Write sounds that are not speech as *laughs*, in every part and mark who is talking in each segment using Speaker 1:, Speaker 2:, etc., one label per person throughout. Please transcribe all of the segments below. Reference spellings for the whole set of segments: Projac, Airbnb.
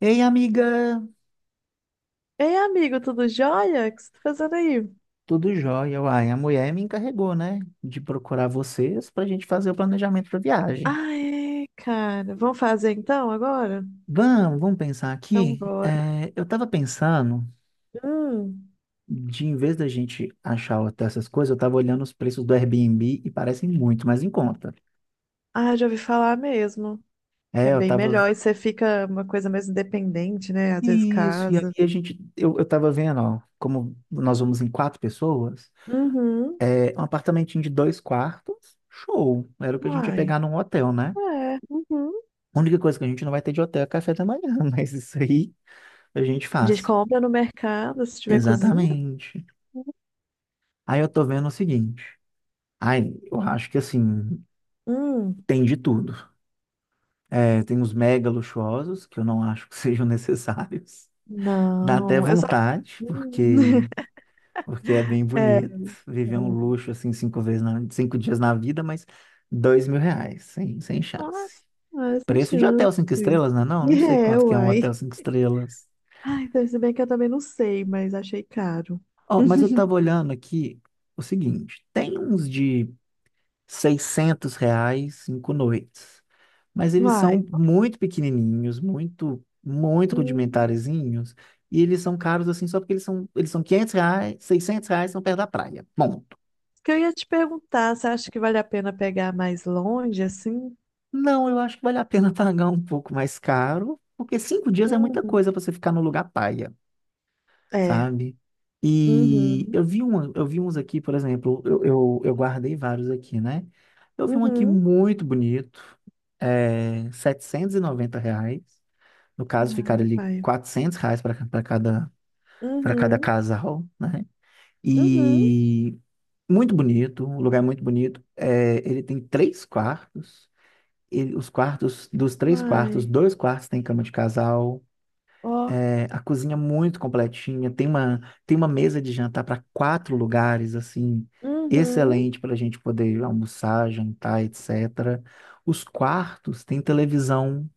Speaker 1: Ei, amiga,
Speaker 2: Ei, amigo, tudo jóia? O que você tá fazendo aí?
Speaker 1: tudo jóia? Uai, a mulher me encarregou, né, de procurar vocês para a gente fazer o planejamento da viagem.
Speaker 2: Ah, é, cara. Vamos fazer então agora?
Speaker 1: Vamos pensar
Speaker 2: Então
Speaker 1: aqui.
Speaker 2: bora.
Speaker 1: É, eu estava pensando,
Speaker 2: Hum.
Speaker 1: de em vez da gente achar até essas coisas, eu estava olhando os preços do Airbnb e parecem muito mais em conta.
Speaker 2: Ah, já ouvi falar mesmo. Que
Speaker 1: É,
Speaker 2: é
Speaker 1: eu
Speaker 2: bem
Speaker 1: estava.
Speaker 2: melhor e você fica uma coisa mais independente, né? Às vezes
Speaker 1: Isso, e aí
Speaker 2: casa.
Speaker 1: a gente. Eu estava vendo, ó, como nós vamos em quatro pessoas,
Speaker 2: Uhum.
Speaker 1: é, um apartamentinho de dois quartos, show. Era o que a gente ia
Speaker 2: Uai.
Speaker 1: pegar num hotel, né?
Speaker 2: É. Uhum.
Speaker 1: A única coisa que a gente não vai ter de hotel é café da manhã, *laughs* mas isso aí a gente
Speaker 2: A gente
Speaker 1: faz.
Speaker 2: compra no mercado se tiver cozinha.
Speaker 1: Exatamente. Aí eu tô vendo o seguinte. Aí eu acho que assim,
Speaker 2: Hum.
Speaker 1: tem de tudo. É, tem os mega luxuosos, que eu não acho que *laughs* sejam necessários. Dá até
Speaker 2: Não. Eu só.
Speaker 1: vontade,
Speaker 2: Hum.
Speaker 1: porque,
Speaker 2: *laughs*
Speaker 1: porque é bem
Speaker 2: É.
Speaker 1: bonito viver um luxo assim cinco vezes na, cinco dias na vida, mas R$ 2.000, sem chance.
Speaker 2: Nossa, sem
Speaker 1: Preço de hotel
Speaker 2: chance.
Speaker 1: cinco estrelas, né? Não, não sei
Speaker 2: É,
Speaker 1: quanto que é um
Speaker 2: uai.
Speaker 1: hotel cinco estrelas.
Speaker 2: Ai, então, se bem que eu também não sei, mas achei caro.
Speaker 1: Ó, mas eu tava
Speaker 2: *laughs*
Speaker 1: olhando aqui o seguinte, tem uns de R$ 600, 5 noites, mas eles
Speaker 2: Vai.
Speaker 1: são muito pequenininhos, muito, muito
Speaker 2: Hum,
Speaker 1: rudimentarezinhos, e eles são caros assim só porque eles são R$ 500, R$ 600 são perto da praia, ponto.
Speaker 2: que eu ia te perguntar, você acha que vale a pena pegar mais longe, assim?
Speaker 1: Não, eu acho que vale a pena *laughs* pagar um pouco mais caro, porque 5 dias é muita
Speaker 2: Hum,
Speaker 1: coisa para você ficar no lugar paia.
Speaker 2: é.
Speaker 1: Sabe? E
Speaker 2: Uhum.
Speaker 1: eu vi um, eu vi uns aqui, por exemplo, eu guardei vários aqui, né? Eu vi um aqui
Speaker 2: Uhum.
Speaker 1: muito bonito, é, R$ 790. No caso, ficaram
Speaker 2: Ah,
Speaker 1: ali
Speaker 2: vai.
Speaker 1: R$ 400 para cada
Speaker 2: Uhum.
Speaker 1: casal, né?
Speaker 2: Uhum.
Speaker 1: E muito bonito, um lugar é muito bonito. É, ele tem três quartos. Ele, os quartos, dos três quartos,
Speaker 2: Vai.
Speaker 1: dois quartos tem cama de casal.
Speaker 2: Ó.
Speaker 1: É, a cozinha é muito completinha, tem uma mesa de jantar para quatro lugares, assim,
Speaker 2: Uhum.
Speaker 1: excelente para a gente poder almoçar, jantar, etc. Os quartos têm televisão,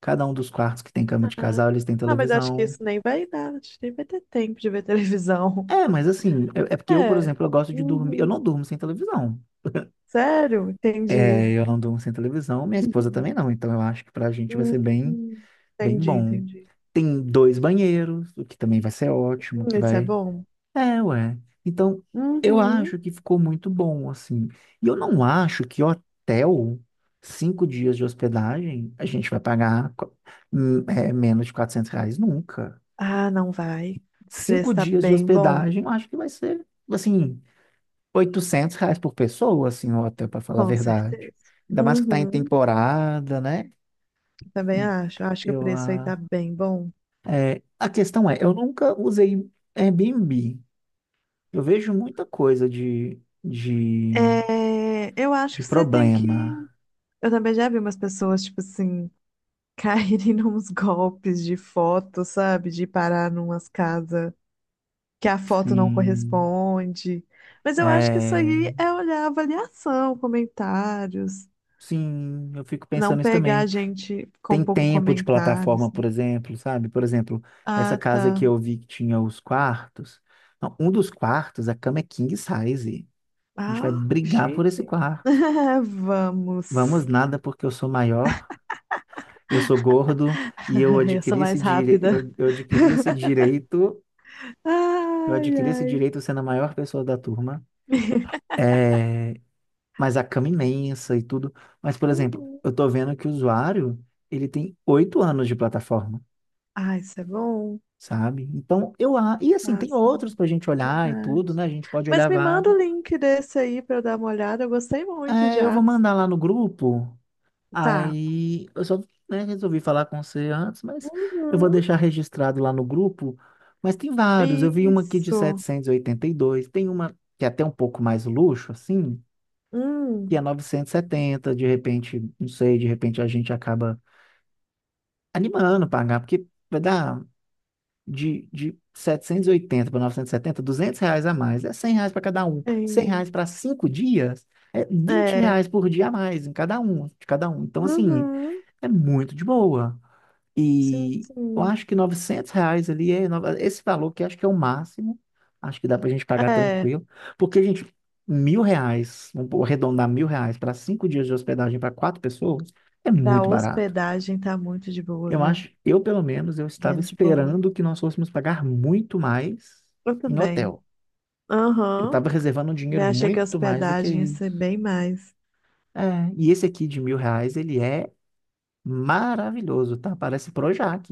Speaker 1: cada um dos quartos que tem cama de
Speaker 2: Ah,
Speaker 1: casal, eles têm
Speaker 2: ah, mas acho que
Speaker 1: televisão.
Speaker 2: isso nem vai dar. Acho que nem vai ter tempo de ver televisão.
Speaker 1: É, mas
Speaker 2: *laughs*
Speaker 1: assim, é porque eu, por
Speaker 2: É.
Speaker 1: exemplo, eu gosto de dormir, eu não
Speaker 2: Uhum.
Speaker 1: durmo sem televisão.
Speaker 2: Sério? Entendi.
Speaker 1: É, eu não durmo sem televisão, minha esposa
Speaker 2: Uhum.
Speaker 1: também não, então eu acho que para a gente vai ser bem,
Speaker 2: Uhum.
Speaker 1: bem
Speaker 2: Entendi,
Speaker 1: bom.
Speaker 2: entendi.
Speaker 1: Tem dois banheiros, o que também vai ser ótimo, que
Speaker 2: Isso é
Speaker 1: vai.
Speaker 2: bom?
Speaker 1: É, ué. Então, eu
Speaker 2: Uhum.
Speaker 1: acho que ficou muito bom, assim. E eu não acho que hotel, cinco dias de hospedagem, a gente vai pagar menos de R$ 400 nunca.
Speaker 2: Ah, não vai. Esse
Speaker 1: Cinco
Speaker 2: preço tá
Speaker 1: dias de
Speaker 2: bem bom,
Speaker 1: hospedagem, eu acho que vai ser, assim, R$ 800 por pessoa, assim, o hotel, para falar a
Speaker 2: com
Speaker 1: verdade.
Speaker 2: certeza.
Speaker 1: Ainda mais que tá em
Speaker 2: Uhum.
Speaker 1: temporada, né?
Speaker 2: Também
Speaker 1: E
Speaker 2: acho. Acho que o
Speaker 1: eu,
Speaker 2: preço aí tá bem bom.
Speaker 1: a questão é, eu nunca usei Airbnb. Eu vejo muita coisa de
Speaker 2: É, eu acho
Speaker 1: de
Speaker 2: que você tem que.
Speaker 1: problema.
Speaker 2: Eu também já vi umas pessoas, tipo assim, *laughs* caírem nos golpes de foto, sabe? De parar numas casas que a foto não
Speaker 1: Sim.
Speaker 2: corresponde. Mas eu acho que isso
Speaker 1: É,
Speaker 2: aí é olhar a avaliação, comentários.
Speaker 1: sim, eu fico
Speaker 2: Não
Speaker 1: pensando isso
Speaker 2: pegar
Speaker 1: também.
Speaker 2: gente com
Speaker 1: Tem
Speaker 2: pouco
Speaker 1: tempo de
Speaker 2: comentário.
Speaker 1: plataforma, por exemplo, sabe? Por exemplo, essa
Speaker 2: Ah,
Speaker 1: casa
Speaker 2: tá.
Speaker 1: que eu vi que tinha os quartos. Não, um dos quartos, a cama é king size. A gente vai
Speaker 2: Ah,
Speaker 1: brigar por
Speaker 2: chique.
Speaker 1: esse quarto.
Speaker 2: *laughs*
Speaker 1: Vamos
Speaker 2: Vamos.
Speaker 1: nada porque eu sou maior, eu sou gordo e eu
Speaker 2: *laughs* Eu sou
Speaker 1: adquiri esse
Speaker 2: mais
Speaker 1: dire...
Speaker 2: rápida.
Speaker 1: eu, eu adquiri esse direito, eu
Speaker 2: Ai,
Speaker 1: adquiri esse
Speaker 2: ai.
Speaker 1: direito sendo a maior pessoa da turma.
Speaker 2: *laughs*
Speaker 1: É, mas a cama imensa e tudo. Mas, por exemplo,
Speaker 2: Uhum.
Speaker 1: eu tô vendo que o usuário, ele tem 8 anos de plataforma,
Speaker 2: Ah, isso é bom.
Speaker 1: sabe? Então, e assim, tem outros
Speaker 2: Fácil,
Speaker 1: pra gente olhar e
Speaker 2: verdade.
Speaker 1: tudo, né? A gente pode
Speaker 2: Mas
Speaker 1: olhar
Speaker 2: me manda
Speaker 1: vários.
Speaker 2: o link desse aí pra eu dar uma olhada. Eu gostei muito
Speaker 1: É, eu
Speaker 2: já.
Speaker 1: vou mandar lá no grupo,
Speaker 2: Tá.
Speaker 1: aí eu só, né, resolvi falar com você antes, mas eu vou
Speaker 2: Uhum.
Speaker 1: deixar registrado lá no grupo. Mas tem vários, eu vi uma aqui de
Speaker 2: Isso.
Speaker 1: setecentos e oitenta e dois. Tem uma que é até um pouco mais luxo, assim, que é
Speaker 2: Hum.
Speaker 1: 970. De repente, não sei, de repente a gente acaba animando pagar, porque vai dar de 780 para 970, R$ 200 a mais, é R$ 100 para cada um, 100
Speaker 2: Tem.
Speaker 1: reais para 5 dias, é vinte
Speaker 2: É.
Speaker 1: reais por dia a mais em cada um, de cada um. Então, assim,
Speaker 2: Uhum.
Speaker 1: é muito de boa.
Speaker 2: Sim,
Speaker 1: E eu
Speaker 2: sim.
Speaker 1: acho que R$ 900 ali é nova- esse valor que acho que é o máximo, acho que dá para a gente pagar
Speaker 2: É.
Speaker 1: tranquilo, porque a gente. R$ 1.000, vamos arredondar R$ 1.000 para 5 dias de hospedagem para quatro pessoas é
Speaker 2: Pra
Speaker 1: muito barato.
Speaker 2: hospedagem tá muito de boa,
Speaker 1: Eu
Speaker 2: viu?
Speaker 1: acho, eu pelo menos, eu estava
Speaker 2: Bem de boa.
Speaker 1: esperando que nós fôssemos pagar muito mais
Speaker 2: Eu
Speaker 1: em
Speaker 2: também.
Speaker 1: hotel. Eu
Speaker 2: Aham.
Speaker 1: estava reservando um
Speaker 2: Bem,
Speaker 1: dinheiro
Speaker 2: achei que a
Speaker 1: muito mais do que
Speaker 2: hospedagem ia ser
Speaker 1: isso.
Speaker 2: bem mais.
Speaker 1: É, e esse aqui de R$ 1.000, ele é maravilhoso, tá? Parece Projac.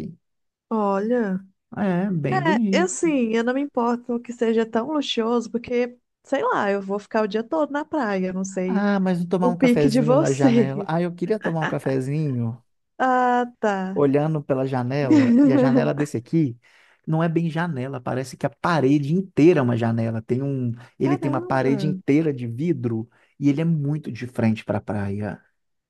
Speaker 2: Olha,
Speaker 1: É, bem
Speaker 2: é, eu
Speaker 1: bonito.
Speaker 2: sim, eu não me importo que seja tão luxuoso, porque, sei lá, eu vou ficar o dia todo na praia, eu não sei
Speaker 1: Ah, mas não tomar
Speaker 2: o
Speaker 1: um
Speaker 2: pique de *laughs*
Speaker 1: cafezinho na janela.
Speaker 2: vocês.
Speaker 1: Ah, eu queria tomar um cafezinho
Speaker 2: Ah, tá.
Speaker 1: olhando pela janela, e a janela
Speaker 2: *laughs*
Speaker 1: desse aqui não é bem janela, parece que a parede inteira é uma janela. Tem um, ele tem uma parede
Speaker 2: Caramba,
Speaker 1: inteira de vidro e ele é muito de frente para a praia,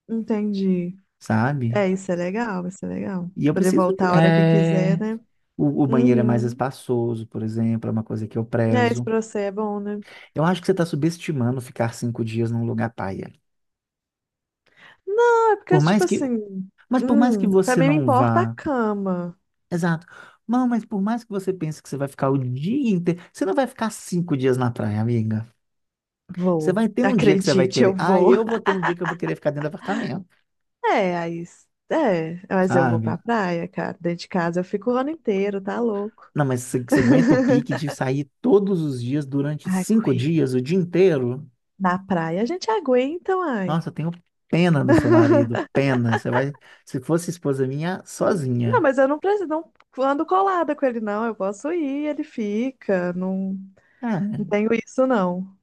Speaker 2: entendi.
Speaker 1: sabe?
Speaker 2: É, isso é legal, isso é legal.
Speaker 1: E eu
Speaker 2: Poder
Speaker 1: preciso de,
Speaker 2: voltar a hora que quiser,
Speaker 1: é,
Speaker 2: né?
Speaker 1: o banheiro é mais
Speaker 2: Uhum.
Speaker 1: espaçoso, por exemplo, é uma coisa que eu
Speaker 2: É, isso
Speaker 1: prezo.
Speaker 2: pra você é bom, né?
Speaker 1: Eu acho que você está subestimando ficar 5 dias num lugar paia.
Speaker 2: Não, é porque,
Speaker 1: Por mais
Speaker 2: tipo
Speaker 1: que,
Speaker 2: assim,
Speaker 1: mas por mais que
Speaker 2: pra
Speaker 1: você
Speaker 2: mim me
Speaker 1: não
Speaker 2: importa a
Speaker 1: vá.
Speaker 2: cama.
Speaker 1: Exato. Não, mas por mais que você pense que você vai ficar o dia inteiro, você não vai ficar cinco dias na praia, amiga. Você
Speaker 2: Vou.
Speaker 1: vai ter um dia que você vai
Speaker 2: Acredite,
Speaker 1: querer.
Speaker 2: eu
Speaker 1: Ah,
Speaker 2: vou.
Speaker 1: eu vou ter um dia que eu vou querer ficar dentro do apartamento,
Speaker 2: É, aí. É, mas eu vou pra
Speaker 1: sabe?
Speaker 2: praia, cara. Dentro de casa eu fico o ano inteiro, tá louco.
Speaker 1: Não, mas você aguenta o
Speaker 2: *laughs*
Speaker 1: pique de sair todos os dias durante cinco
Speaker 2: Aguenta.
Speaker 1: dias, o dia inteiro?
Speaker 2: Na praia a gente aguenta, ai.
Speaker 1: Nossa, eu tenho pena do seu marido, pena. Você vai, se fosse esposa minha,
Speaker 2: Não,
Speaker 1: sozinha.
Speaker 2: mas eu não preciso, não ando colada com ele, não. Eu posso ir, ele fica. Não, não
Speaker 1: Ah,
Speaker 2: tenho isso, não.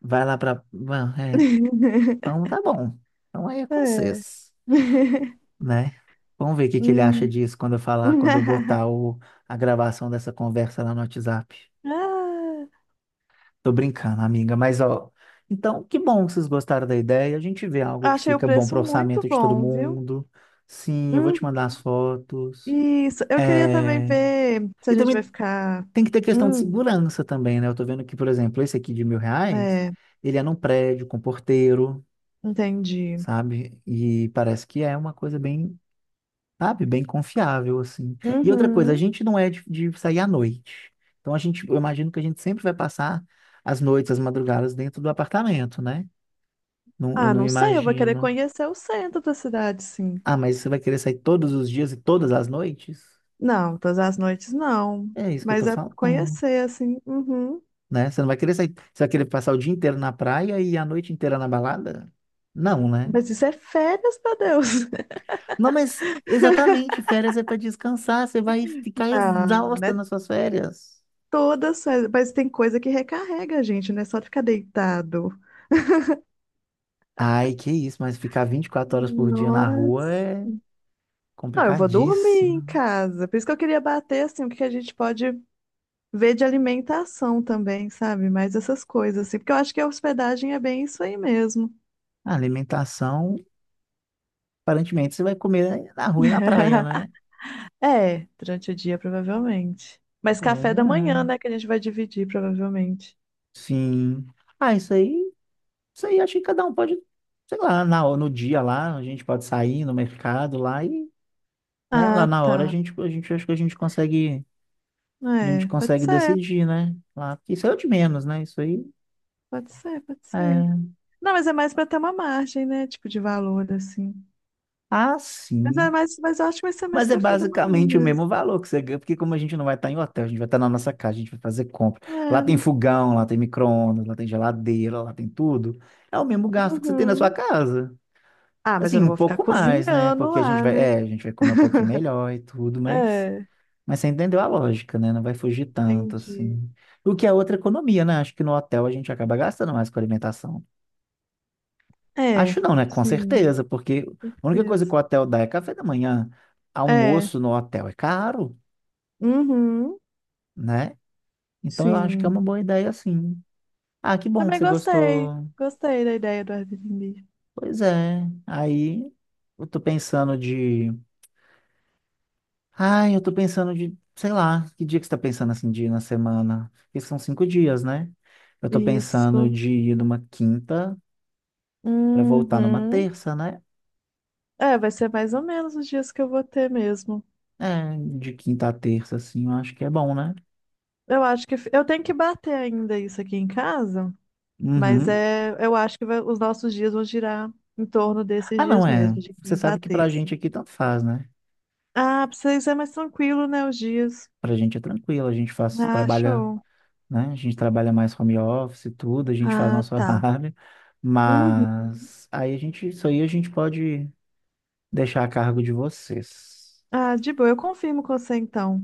Speaker 1: vai lá pra. Bom, é.
Speaker 2: *laughs*
Speaker 1: Então tá bom. Então aí é com
Speaker 2: É.
Speaker 1: vocês.
Speaker 2: *laughs*
Speaker 1: Né? Vamos ver o que que ele acha
Speaker 2: Hum.
Speaker 1: disso quando eu falar, quando eu
Speaker 2: *laughs*
Speaker 1: botar o, a gravação dessa conversa lá no WhatsApp. Tô brincando, amiga, mas ó. Então, que bom que vocês gostaram da ideia. A gente vê algo
Speaker 2: Ah,
Speaker 1: que
Speaker 2: achei o
Speaker 1: fica bom
Speaker 2: preço
Speaker 1: para
Speaker 2: muito
Speaker 1: orçamento de todo
Speaker 2: bom, viu?
Speaker 1: mundo. Sim, eu vou te
Speaker 2: Uhum.
Speaker 1: mandar as fotos.
Speaker 2: Isso, eu queria também
Speaker 1: É...
Speaker 2: ver se a
Speaker 1: E
Speaker 2: gente vai
Speaker 1: também
Speaker 2: ficar.
Speaker 1: tem que ter questão de
Speaker 2: Hum,
Speaker 1: segurança também, né? Eu tô vendo que, por exemplo, esse aqui de mil reais,
Speaker 2: é,
Speaker 1: ele é num prédio com porteiro,
Speaker 2: entendi.
Speaker 1: sabe? E parece que é uma coisa bem. Sabe? Bem confiável, assim. E outra coisa, a
Speaker 2: Uhum.
Speaker 1: gente não é de sair à noite. Então a gente, eu imagino que a gente sempre vai passar as noites, as madrugadas dentro do apartamento, né? Não, eu
Speaker 2: Ah,
Speaker 1: não
Speaker 2: não sei, eu vou querer
Speaker 1: imagino.
Speaker 2: conhecer o centro da cidade, sim.
Speaker 1: Ah, mas você vai querer sair todos os dias e todas as noites?
Speaker 2: Não, todas as noites não.
Speaker 1: É isso que eu tô
Speaker 2: Mas é
Speaker 1: falando,
Speaker 2: conhecer, assim. Uhum.
Speaker 1: né? Você não vai querer sair, você vai querer passar o dia inteiro na praia e a noite inteira na balada? Não, né?
Speaker 2: Mas isso é férias, meu Deus. *laughs*
Speaker 1: Não, mas exatamente, férias é para descansar, você vai ficar
Speaker 2: Não,
Speaker 1: exausta
Speaker 2: né?
Speaker 1: nas suas férias.
Speaker 2: Todas, férias, mas tem coisa que recarrega a gente, né? Só ficar deitado.
Speaker 1: Ai, que isso, mas ficar 24 horas por dia na rua
Speaker 2: Nossa.
Speaker 1: é
Speaker 2: Não, eu vou dormir em
Speaker 1: complicadíssimo.
Speaker 2: casa. Por isso que eu queria bater, assim, o que que a gente pode ver de alimentação também, sabe? Mais essas coisas, assim, porque eu acho que a hospedagem é bem isso aí mesmo.
Speaker 1: A alimentação, aparentemente, você vai comer na rua e na praia,
Speaker 2: *laughs*
Speaker 1: né?
Speaker 2: É, durante o dia, provavelmente. Mas
Speaker 1: Pois
Speaker 2: café da manhã,
Speaker 1: é.
Speaker 2: né, que a gente vai dividir, provavelmente.
Speaker 1: Sim. Ah, isso aí acho que cada um pode, sei lá, na, no dia lá, a gente pode sair no mercado lá e, né, lá
Speaker 2: Ah,
Speaker 1: na hora a
Speaker 2: tá.
Speaker 1: gente, a gente acho que a gente
Speaker 2: É, pode
Speaker 1: consegue
Speaker 2: ser,
Speaker 1: decidir, né? Lá, isso é o de menos, né? Isso aí
Speaker 2: pode ser, pode ser.
Speaker 1: é.
Speaker 2: Não, mas é mais pra ter uma margem, né, tipo de valor, assim.
Speaker 1: Ah,
Speaker 2: Mas é
Speaker 1: sim.
Speaker 2: mais, mas eu acho que vai ser mais
Speaker 1: Mas é
Speaker 2: café da manhã
Speaker 1: basicamente o
Speaker 2: mesmo.
Speaker 1: mesmo valor que você ganha, porque como a gente não vai estar em hotel, a gente vai estar na nossa casa, a gente vai fazer compra. Lá
Speaker 2: É,
Speaker 1: tem
Speaker 2: né?
Speaker 1: fogão, lá tem micro-ondas, lá tem geladeira, lá tem tudo. É o mesmo gasto que você tem na sua
Speaker 2: Uhum.
Speaker 1: casa.
Speaker 2: Ah, mas eu
Speaker 1: Assim,
Speaker 2: não
Speaker 1: um
Speaker 2: vou ficar
Speaker 1: pouco mais, né?
Speaker 2: cozinhando
Speaker 1: Porque a gente
Speaker 2: lá,
Speaker 1: vai, é,
Speaker 2: né?
Speaker 1: a gente vai comer um pouquinho
Speaker 2: *laughs*
Speaker 1: melhor e tudo,
Speaker 2: É,
Speaker 1: mas você entendeu a lógica, né? Não vai fugir tanto,
Speaker 2: entendi.
Speaker 1: assim. O que é outra economia, né? Acho que no hotel a gente acaba gastando mais com alimentação.
Speaker 2: É,
Speaker 1: Acho não, né? Com
Speaker 2: sim,
Speaker 1: certeza, porque a única coisa que
Speaker 2: isso.
Speaker 1: o hotel dá é café da manhã.
Speaker 2: É.
Speaker 1: Almoço no hotel é caro.
Speaker 2: Uhum.
Speaker 1: Né? Então eu acho que é
Speaker 2: Sim.
Speaker 1: uma boa ideia, sim. Ah, que bom que
Speaker 2: Também
Speaker 1: você
Speaker 2: gostei.
Speaker 1: gostou.
Speaker 2: Gostei da ideia do Airbnb.
Speaker 1: Pois é. Aí eu tô pensando de. Ai, eu tô pensando de, sei lá, que dia que você tá pensando assim, de ir na semana? Porque são 5 dias, né? Eu tô pensando
Speaker 2: Isso.
Speaker 1: de ir numa quinta pra voltar numa
Speaker 2: Uhum.
Speaker 1: terça, né?
Speaker 2: É, vai ser mais ou menos os dias que eu vou ter mesmo.
Speaker 1: É, de quinta a terça, assim, eu acho que é bom, né?
Speaker 2: Eu tenho que bater ainda isso aqui em casa, mas
Speaker 1: Uhum.
Speaker 2: é, eu acho que vai- os nossos dias vão girar em torno desses
Speaker 1: Ah,
Speaker 2: dias
Speaker 1: não, é.
Speaker 2: mesmo, de
Speaker 1: Você
Speaker 2: quinta a
Speaker 1: sabe que pra
Speaker 2: terça.
Speaker 1: gente aqui tanto faz, né?
Speaker 2: Ah, pra vocês é mais tranquilo, né, os dias.
Speaker 1: Pra gente é tranquilo, a gente faz,
Speaker 2: Ah,
Speaker 1: trabalha,
Speaker 2: show.
Speaker 1: né? A gente trabalha mais home office e tudo, a gente faz
Speaker 2: Ah,
Speaker 1: nosso *laughs*
Speaker 2: tá.
Speaker 1: horário,
Speaker 2: Uhum.
Speaker 1: mas aí a gente, isso aí a gente pode deixar a cargo de vocês.
Speaker 2: Ah, de boa, eu confirmo com você então.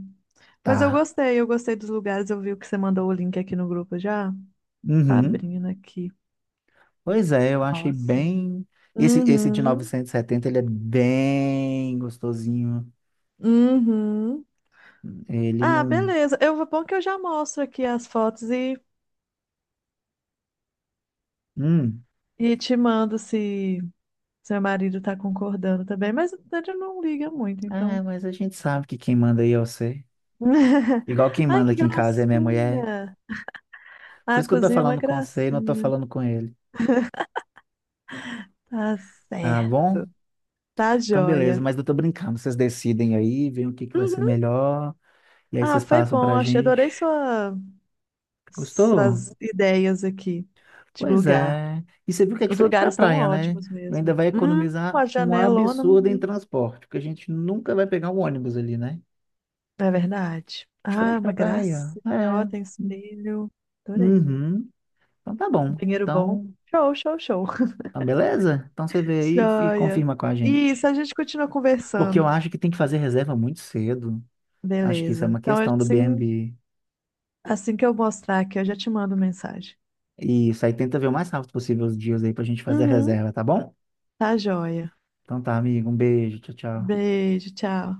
Speaker 2: Mas eu
Speaker 1: Tá.
Speaker 2: gostei, eu gostei dos lugares. Eu vi o que você mandou o link aqui no grupo já. Tá
Speaker 1: Uhum.
Speaker 2: abrindo aqui.
Speaker 1: Pois é, eu achei
Speaker 2: Nossa.
Speaker 1: bem. Esse de
Speaker 2: Uhum.
Speaker 1: 970 ele é bem gostosinho.
Speaker 2: Uhum.
Speaker 1: Ele
Speaker 2: Ah,
Speaker 1: não.
Speaker 2: beleza. Eu vou Bom que eu já mostro aqui as fotos e,
Speaker 1: Hum.
Speaker 2: e te mando se seu marido tá concordando também, mas ele não liga muito,
Speaker 1: Ah,
Speaker 2: então.
Speaker 1: mas a gente sabe que quem manda aí é você.
Speaker 2: *laughs*
Speaker 1: Igual quem
Speaker 2: Ai,
Speaker 1: manda
Speaker 2: que
Speaker 1: aqui em casa é minha mulher.
Speaker 2: gracinha!
Speaker 1: Por
Speaker 2: A
Speaker 1: isso que eu tô
Speaker 2: cozinha é uma
Speaker 1: falando com você e não tô
Speaker 2: gracinha.
Speaker 1: falando com ele.
Speaker 2: Tá
Speaker 1: Tá bom?
Speaker 2: certo. Tá
Speaker 1: Então, beleza,
Speaker 2: joia.
Speaker 1: mas eu tô brincando. Vocês decidem aí, veem o que que vai ser
Speaker 2: Uhum.
Speaker 1: melhor, e aí
Speaker 2: Ah,
Speaker 1: vocês
Speaker 2: foi
Speaker 1: passam
Speaker 2: bom.
Speaker 1: pra
Speaker 2: Achei,
Speaker 1: gente.
Speaker 2: adorei sua
Speaker 1: Gostou?
Speaker 2: suas ideias aqui de
Speaker 1: Pois
Speaker 2: lugar.
Speaker 1: é. E você viu que é
Speaker 2: Os
Speaker 1: diferente pra
Speaker 2: lugares estão
Speaker 1: praia, né?
Speaker 2: ótimos
Speaker 1: Ainda
Speaker 2: mesmo.
Speaker 1: vai economizar
Speaker 2: Uma
Speaker 1: um
Speaker 2: janelona,
Speaker 1: absurdo em
Speaker 2: uhum.
Speaker 1: transporte, porque a gente nunca vai pegar um ônibus ali, né?
Speaker 2: É verdade. Ah,
Speaker 1: Diferente pra
Speaker 2: uma
Speaker 1: praia.
Speaker 2: gracinha. Ó,
Speaker 1: É.
Speaker 2: tem espelho. Adorei.
Speaker 1: Uhum. Então tá bom.
Speaker 2: Banheiro bom.
Speaker 1: Então,
Speaker 2: Show, show, show.
Speaker 1: tá beleza? Então você
Speaker 2: *laughs*
Speaker 1: vê aí e
Speaker 2: Joia.
Speaker 1: confirma com a
Speaker 2: Isso,
Speaker 1: gente.
Speaker 2: a gente continua
Speaker 1: Porque eu
Speaker 2: conversando.
Speaker 1: acho que tem que fazer reserva muito cedo. Acho que isso é
Speaker 2: Beleza.
Speaker 1: uma
Speaker 2: Então,
Speaker 1: questão do
Speaker 2: assim,
Speaker 1: BnB.
Speaker 2: assim que eu mostrar aqui, eu já te mando mensagem.
Speaker 1: Isso aí, tenta ver o mais rápido possível os dias aí pra gente fazer a
Speaker 2: Uhum.
Speaker 1: reserva, tá bom?
Speaker 2: Tá joia.
Speaker 1: Então tá, amigo, um beijo, tchau, tchau.
Speaker 2: Beijo, tchau.